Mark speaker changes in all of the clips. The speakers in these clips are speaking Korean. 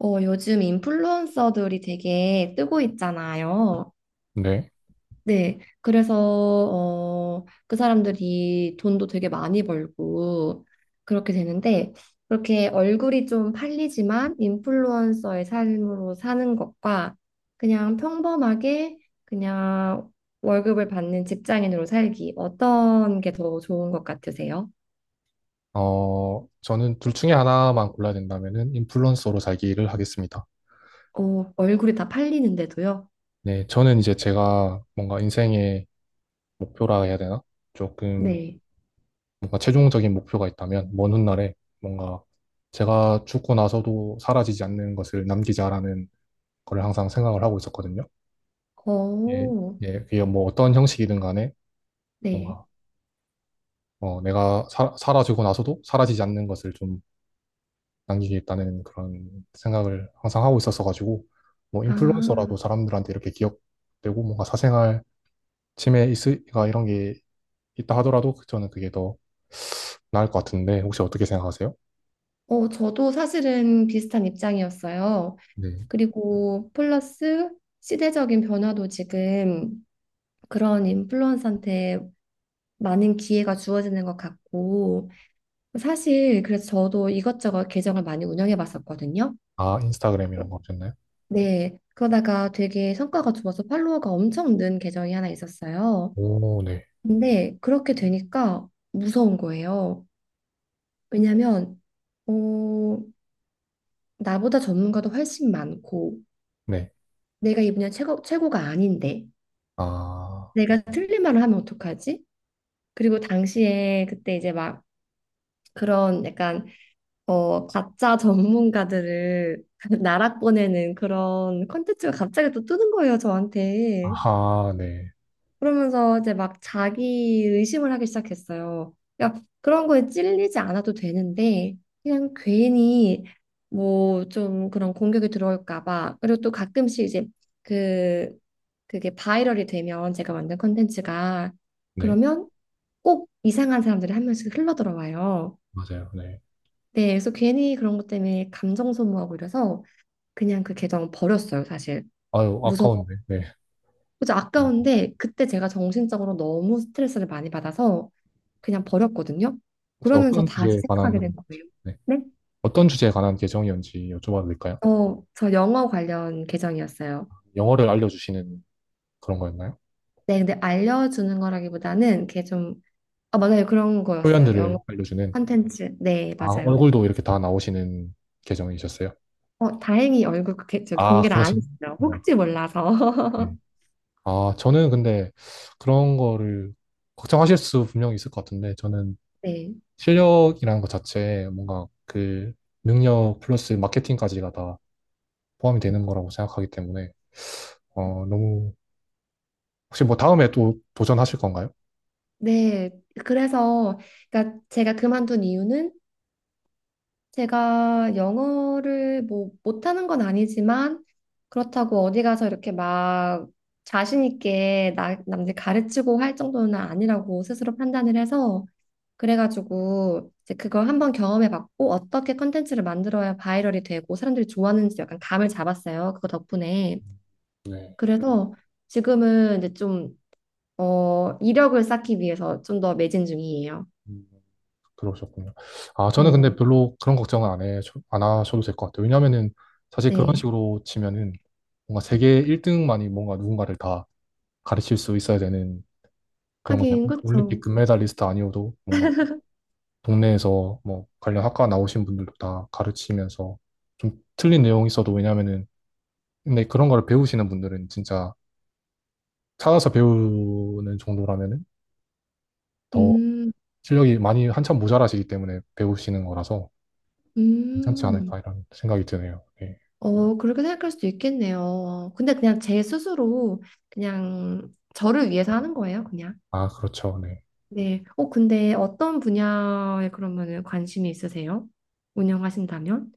Speaker 1: 요즘 인플루언서들이 되게 뜨고 있잖아요.
Speaker 2: 네.
Speaker 1: 네. 그래서 그 사람들이 돈도 되게 많이 벌고, 그렇게 되는데, 그렇게 얼굴이 좀 팔리지만, 인플루언서의 삶으로 사는 것과, 그냥 평범하게, 그냥 월급을 받는 직장인으로 살기, 어떤 게 더 좋은 것 같으세요?
Speaker 2: 저는 둘 중에 하나만 골라야 된다면은 인플루언서로 살기를 하겠습니다.
Speaker 1: 얼굴이 다 팔리는데도요?
Speaker 2: 네, 저는 이제 제가 뭔가 인생의 목표라 해야 되나? 조금
Speaker 1: 네.
Speaker 2: 뭔가 최종적인 목표가 있다면 먼 훗날에 뭔가 제가 죽고 나서도 사라지지 않는 것을 남기자라는 걸 항상 생각을 하고 있었거든요. 예,
Speaker 1: 어,
Speaker 2: 예, 그게 뭐 어떤 형식이든 간에
Speaker 1: 네.
Speaker 2: 뭔가 내가 사라지고 나서도 사라지지 않는 것을 좀 남기겠다는 그런 생각을 항상 하고 있었어가지고 뭐
Speaker 1: 아.
Speaker 2: 인플루언서라도 사람들한테 이렇게 기억되고 뭔가 사생활 침해 있으가 이런 게 있다 하더라도 그 저는 그게 더 나을 것 같은데 혹시 어떻게 생각하세요?
Speaker 1: 저도 사실은 비슷한 입장이었어요.
Speaker 2: 네.
Speaker 1: 그리고 플러스 시대적인 변화도 지금 그런 인플루언서한테 많은 기회가 주어지는 것 같고, 사실 그래서 저도 이것저것 계정을 많이 운영해 봤었거든요.
Speaker 2: 아, 인스타그램 이런 거없셨나요?
Speaker 1: 네. 그러다가 되게 성과가 좋아서 팔로워가 엄청 는 계정이 하나 있었어요.
Speaker 2: 오, 네,
Speaker 1: 근데 그렇게 되니까 무서운 거예요. 왜냐면, 어, 나보다 전문가도 훨씬 많고,
Speaker 2: 네.
Speaker 1: 내가 이 분야 최고, 최고가 아닌데
Speaker 2: 아,
Speaker 1: 내가 틀린 말을 하면 어떡하지? 그리고 당시에 그때 이제 막 그런 약간 가짜 전문가들을 나락 보내는 그런 컨텐츠가 갑자기 또 뜨는 거예요 저한테.
Speaker 2: 아하, 네,
Speaker 1: 그러면서 이제 막 자기 의심을 하기 시작했어요. 야, 그런 거에 찔리지 않아도 되는데, 그냥 괜히 뭐 좀 그런 공격이 들어올까 봐. 그리고 또 가끔씩 이제 그, 그게 바이럴이 되면 제가 만든 컨텐츠가
Speaker 2: 네,
Speaker 1: 그러면 꼭 이상한 사람들이 한 명씩 흘러들어와요.
Speaker 2: 맞아요, 네.
Speaker 1: 네, 그래서 괜히 그런 것 때문에 감정 소모하고 이래서 그냥 그 계정 버렸어요, 사실.
Speaker 2: 아유,
Speaker 1: 무서워.
Speaker 2: 아까운데, 네.
Speaker 1: 그죠?
Speaker 2: 어,
Speaker 1: 아까운데 그때 제가 정신적으로 너무 스트레스를 많이 받아서 그냥 버렸거든요.
Speaker 2: 혹시
Speaker 1: 그러면서
Speaker 2: 어떤
Speaker 1: 다시
Speaker 2: 주제에
Speaker 1: 생각하게 된
Speaker 2: 관한,
Speaker 1: 거예요.
Speaker 2: 네.
Speaker 1: 네?
Speaker 2: 어떤 주제에 관한 계정이었는지 여쭤봐도 될까요?
Speaker 1: 저 영어 관련 계정이었어요.
Speaker 2: 영어를 알려주시는 그런 거였나요?
Speaker 1: 네, 근데 알려주는 거라기보다는 이게 좀, 아, 맞아요. 그런 거였어요. 영어
Speaker 2: 표현들을 알려주는.
Speaker 1: 컨텐츠. 네,
Speaker 2: 아,
Speaker 1: 맞아요.
Speaker 2: 얼굴도 이렇게 다 나오시는 계정이셨어요?
Speaker 1: 다행히 얼굴 그 저기
Speaker 2: 아,
Speaker 1: 공개를 안 했어요.
Speaker 2: 그러시군요.
Speaker 1: 혹시
Speaker 2: 네.
Speaker 1: 몰라서.
Speaker 2: 아, 저는 근데 그런 거를 걱정하실 수 분명히 있을 것 같은데, 저는
Speaker 1: 네.
Speaker 2: 실력이라는 것 자체에 뭔가 그 능력 플러스 마케팅까지가 다 포함이 되는 거라고 생각하기 때문에, 너무, 혹시 뭐 다음에 또 도전하실 건가요?
Speaker 1: 네. 그래서, 그러니까 제가 그만둔 이유는 제가 영어를 뭐 못하는 건 아니지만 그렇다고 어디 가서 이렇게 막 자신 있게 나, 남들 가르치고 할 정도는 아니라고 스스로 판단을 해서 그래가지고 이제 그걸 한번 경험해봤고 어떻게 컨텐츠를 만들어야 바이럴이 되고 사람들이 좋아하는지 약간 감을 잡았어요. 그거 덕분에.
Speaker 2: 네.
Speaker 1: 그래서 지금은 이제 좀 이력을 쌓기 위해서 좀 더 매진 중이에요.
Speaker 2: 들어오셨군요. 아, 저는
Speaker 1: 네.
Speaker 2: 근데 별로 그런 걱정은 안 하셔도 될 것 같아요. 왜냐면은 사실 그런
Speaker 1: 네.
Speaker 2: 식으로 치면은 뭔가 세계 1등만이 뭔가 누군가를 다 가르칠 수 있어야 되는 그런 거잖아요.
Speaker 1: 하긴 그렇죠.
Speaker 2: 올림픽 금메달리스트 아니어도 뭔가 동네에서 뭐 관련 학과 나오신 분들도 다 가르치면서 좀 틀린 내용이 있어도 왜냐면은 근데 그런 거를 배우시는 분들은 진짜 찾아서 배우는 정도라면은 더
Speaker 1: 음,
Speaker 2: 실력이 많이 한참 모자라시기 때문에 배우시는 거라서 괜찮지
Speaker 1: 음.
Speaker 2: 않을까 이런 생각이 드네요. 네.
Speaker 1: 그렇게 생각할 수도 있겠네요. 근데 그냥 제 스스로 그냥 저를 위해서 하는 거예요, 그냥.
Speaker 2: 아, 그렇죠. 네.
Speaker 1: 네. 근데 어떤 분야에 그러면은 관심이 있으세요? 운영하신다면?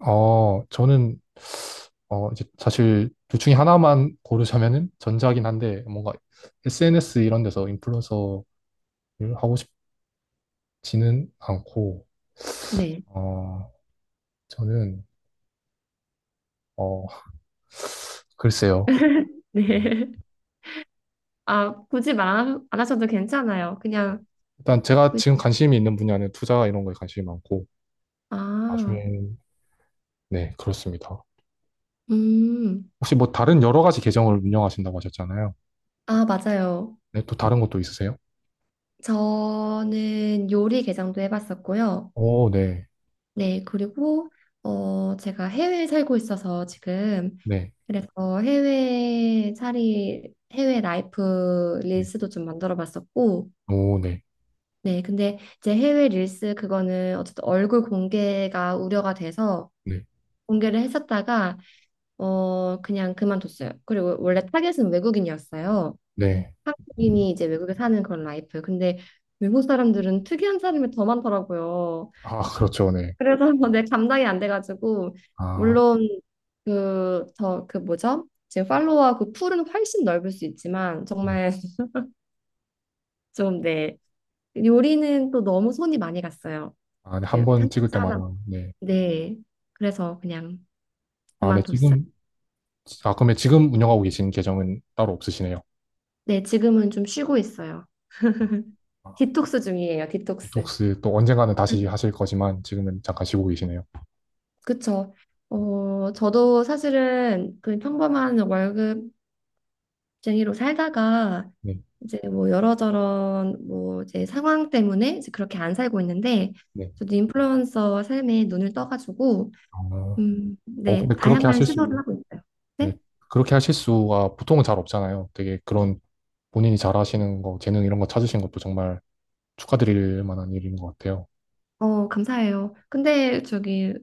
Speaker 2: 저는, 이제 사실 둘 중에 하나만 고르자면은 전자긴 한데, 뭔가 SNS 이런 데서 인플루언서를 하고 싶지는 않고,
Speaker 1: 네.
Speaker 2: 어, 저는, 어, 글쎄요.
Speaker 1: 네. 아, 굳이 말 안 하셔도 괜찮아요. 그냥,
Speaker 2: 일단 제가
Speaker 1: 그-
Speaker 2: 지금 관심이 있는 분야는 투자 이런 거에 관심이 많고,
Speaker 1: 아,
Speaker 2: 나중에는, 네, 그렇습니다.
Speaker 1: 음,
Speaker 2: 혹시 뭐 다른 여러 가지 계정을 운영하신다고 하셨잖아요.
Speaker 1: 아, 맞아요.
Speaker 2: 네, 또 다른 것도 있으세요?
Speaker 1: 저는 요리 개장도 해봤었고요.
Speaker 2: 오, 네,
Speaker 1: 네. 그리고, 제가 해외에 살고 있어서 지금
Speaker 2: 네,
Speaker 1: 그래서 해외 살이 해외 라이프
Speaker 2: 네.
Speaker 1: 릴스도 좀 만들어 봤었고
Speaker 2: 오, 네,
Speaker 1: 네 근데 이제 해외 릴스 그거는 어쨌든 얼굴 공개가 우려가 돼서
Speaker 2: 네,
Speaker 1: 공개를 했었다가 그냥 그만뒀어요. 그리고 원래 타겟은 외국인이었어요.
Speaker 2: 네.
Speaker 1: 한국인이 이제 외국에 사는 그런 라이프. 근데 외국 사람들은 특이한 사람이 더 많더라고요.
Speaker 2: 아, 그렇죠. 네.
Speaker 1: 그래서 내 감당이 안 돼가지고
Speaker 2: 아.
Speaker 1: 물론 그 더 그 뭐죠? 지금 팔로워 그 풀은 훨씬 넓을 수 있지만
Speaker 2: 네.
Speaker 1: 정말 좀 네. 요리는 또 너무 손이 많이 갔어요.
Speaker 2: 아, 네, 한
Speaker 1: 그
Speaker 2: 번 찍을
Speaker 1: 편집자
Speaker 2: 때마다.
Speaker 1: 하나.
Speaker 2: 네.
Speaker 1: 네. 그래서 그냥
Speaker 2: 아, 네,
Speaker 1: 그만뒀어요.
Speaker 2: 지금, 아, 그러면 지금 운영하고 계신 계정은 따로 없으시네요.
Speaker 1: 네, 지금은 좀 쉬고 있어요.
Speaker 2: 아,
Speaker 1: 디톡스 중이에요. 디톡스.
Speaker 2: 디톡스 또 언젠가는 다시 하실 거지만 지금은 잠깐 쉬고 계시네요.
Speaker 1: 그쵸. 저도 사실은 그 평범한 월급 쟁이로 살다가
Speaker 2: 네,
Speaker 1: 이제 뭐 여러저런 뭐 이제 상황 때문에 이제 그렇게 안 살고 있는데
Speaker 2: 네.
Speaker 1: 저도 인플루언서 삶에 눈을 떠가지고
Speaker 2: 어,
Speaker 1: 네,
Speaker 2: 근데 그렇게
Speaker 1: 다양한
Speaker 2: 하실
Speaker 1: 시도를
Speaker 2: 수,
Speaker 1: 하고 있어요.
Speaker 2: 네.
Speaker 1: 네?
Speaker 2: 그렇게 하실 수가 보통은 잘 없잖아요. 되게 그런 본인이 잘 하시는 거, 재능 이런 거 찾으신 것도 정말 축하드릴 만한 일인 것 같아요.
Speaker 1: 감사해요. 근데 저기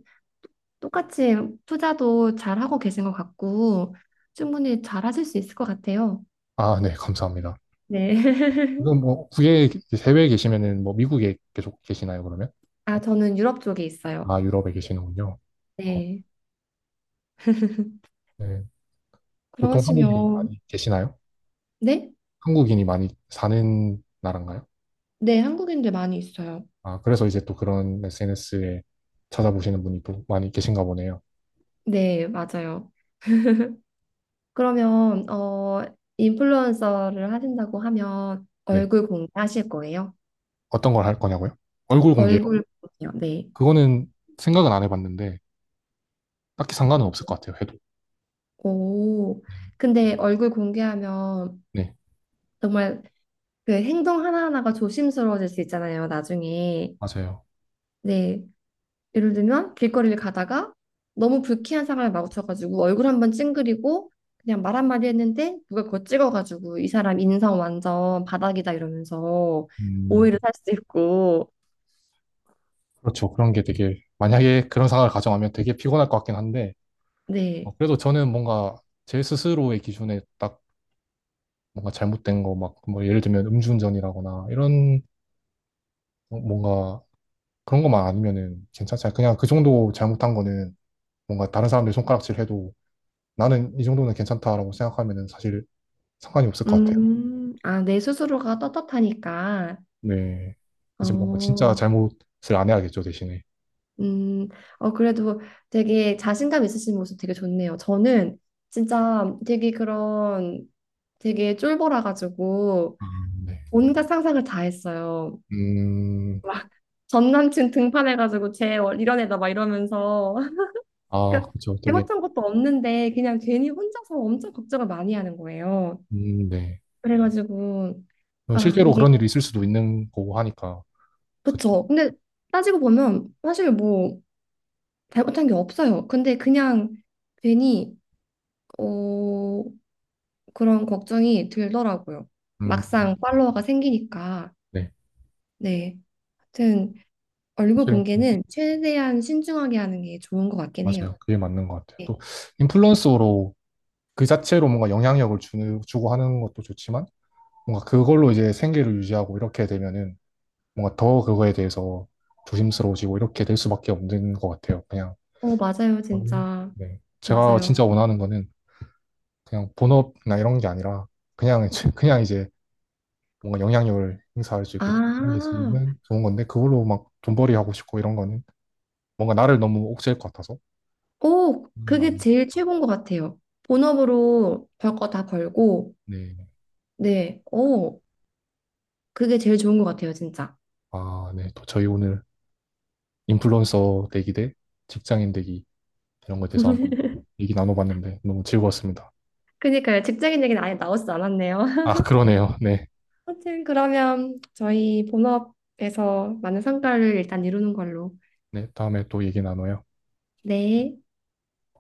Speaker 1: 똑같이 투자도 잘 하고 계신 것 같고 충분히 잘 하실 수 있을 것 같아요.
Speaker 2: 아, 네, 감사합니다.
Speaker 1: 네.
Speaker 2: 지금 뭐, 국외에, 해외에 계시면은 뭐 미국에 계속 계시나요, 그러면?
Speaker 1: 아, 저는 유럽 쪽에 있어요.
Speaker 2: 아, 유럽에 계시는군요. 어,
Speaker 1: 네.
Speaker 2: 네. 보통 한국인이
Speaker 1: 그러시면
Speaker 2: 많이 계시나요?
Speaker 1: 네?
Speaker 2: 한국인이 많이 사는 나라인가요?
Speaker 1: 네, 한국인들 많이 있어요.
Speaker 2: 아, 그래서 이제 또 그런 SNS에 찾아보시는 분이 또 많이 계신가 보네요.
Speaker 1: 네, 맞아요. 그러면 인플루언서를 하신다고 하면
Speaker 2: 네.
Speaker 1: 얼굴 공개하실 거예요?
Speaker 2: 어떤 걸 할 거냐고요? 얼굴 공개요.
Speaker 1: 얼굴 공개요. 네.
Speaker 2: 그거는 생각은 안 해봤는데, 딱히 상관은 없을 것 같아요, 해도.
Speaker 1: 오.
Speaker 2: 네.
Speaker 1: 근데 얼굴 공개하면
Speaker 2: 네,
Speaker 1: 정말 그 행동 하나하나가 조심스러워질 수 있잖아요, 나중에.
Speaker 2: 맞아요.
Speaker 1: 네. 예를 들면 길거리를 가다가 너무 불쾌한 상황에 마주쳐가지고 얼굴 한번 찡그리고 그냥 말 한마디 했는데 누가 그거 찍어가지고 이 사람 인성 완전 바닥이다 이러면서
Speaker 2: 음,
Speaker 1: 오해를 살 수 있고.
Speaker 2: 그렇죠. 그런 게 되게, 만약에 그런 상황을 가정하면 되게 피곤할 것 같긴 한데,
Speaker 1: 네.
Speaker 2: 그래도 저는 뭔가 제 스스로의 기준에 딱 뭔가 잘못된 거, 막, 뭐 예를 들면 음주운전이라거나, 이런 뭔가 그런 것만 아니면은 괜찮잖아요. 그냥 그 정도 잘못한 거는 뭔가 다른 사람들 손가락질 해도 나는 이 정도는 괜찮다라고 생각하면은 사실 상관이 없을 것 같아요.
Speaker 1: 아, 내 스스로가 떳떳하니까.
Speaker 2: 네. 이제 뭔가 진짜
Speaker 1: 어,
Speaker 2: 잘못을 안 해야겠죠, 대신에.
Speaker 1: 음, 그래도 되게 자신감 있으신 모습 되게 좋네요. 저는 진짜 되게 그런 되게 쫄보라가지고
Speaker 2: 아, 네.
Speaker 1: 온갖 상상을 다 했어요.
Speaker 2: 음,
Speaker 1: 막 전 남친 등판해가지고 쟤 이런 애다 막 이러면서.
Speaker 2: 아,
Speaker 1: 그러니까
Speaker 2: 그렇죠. 되게,
Speaker 1: 잘못한 것도 없는데 그냥 괜히 혼자서 엄청 걱정을 많이 하는 거예요.
Speaker 2: 네.
Speaker 1: 그래가지고,
Speaker 2: 뭐
Speaker 1: 아,
Speaker 2: 실제로
Speaker 1: 이게,
Speaker 2: 그런 일이 있을 수도 있는 거고 하니까, 그,
Speaker 1: 그쵸. 근데 따지고 보면 사실 뭐 잘못한 게 없어요. 근데 그냥 괜히 어, 그런 걱정이 들더라고요.
Speaker 2: 음,
Speaker 1: 막상 팔로워가 생기니까.
Speaker 2: 네.
Speaker 1: 네. 하여튼 얼굴
Speaker 2: 사실,
Speaker 1: 공개는 최대한 신중하게 하는 게 좋은 것 같긴 해요.
Speaker 2: 맞아요. 그게 맞는 것 같아요.
Speaker 1: 네.
Speaker 2: 또, 인플루언서로 그 자체로 뭔가 영향력을 주는, 주고 하는 것도 좋지만, 뭔가 그걸로 이제 생계를 유지하고 이렇게 되면은 뭔가 더 그거에 대해서 조심스러워지고 이렇게 될 수밖에 없는 것 같아요. 그냥
Speaker 1: 어, 맞아요, 진짜.
Speaker 2: 네. 제가
Speaker 1: 맞아요.
Speaker 2: 진짜 원하는 거는 그냥 본업이나 이런 게 아니라 그냥 이제 뭔가 영향력을 행사할 수 있고
Speaker 1: 아,
Speaker 2: 영향이지면 좋은 건데 그걸로 막 돈벌이 하고 싶고 이런 거는 뭔가 나를 너무 옥죄일 것 같아서
Speaker 1: 오, 그게
Speaker 2: 아,
Speaker 1: 제일 최고인 것 같아요. 본업으로 벌 거 다 벌고,
Speaker 2: 네.
Speaker 1: 네, 오, 그게 제일 좋은 것 같아요, 진짜.
Speaker 2: 아, 네. 또 저희 오늘 인플루언서 되기 대 직장인 되기 이런 거에 대해서 한번 얘기 나눠봤는데 너무 즐거웠습니다.
Speaker 1: 그니까요, 직장인 얘기는 아예 나오지 않았네요.
Speaker 2: 아, 그러네요. 네.
Speaker 1: 하여튼 그러면 저희 본업에서 많은 성과를 일단 이루는 걸로.
Speaker 2: 네. 다음에 또 얘기 나눠요.
Speaker 1: 네.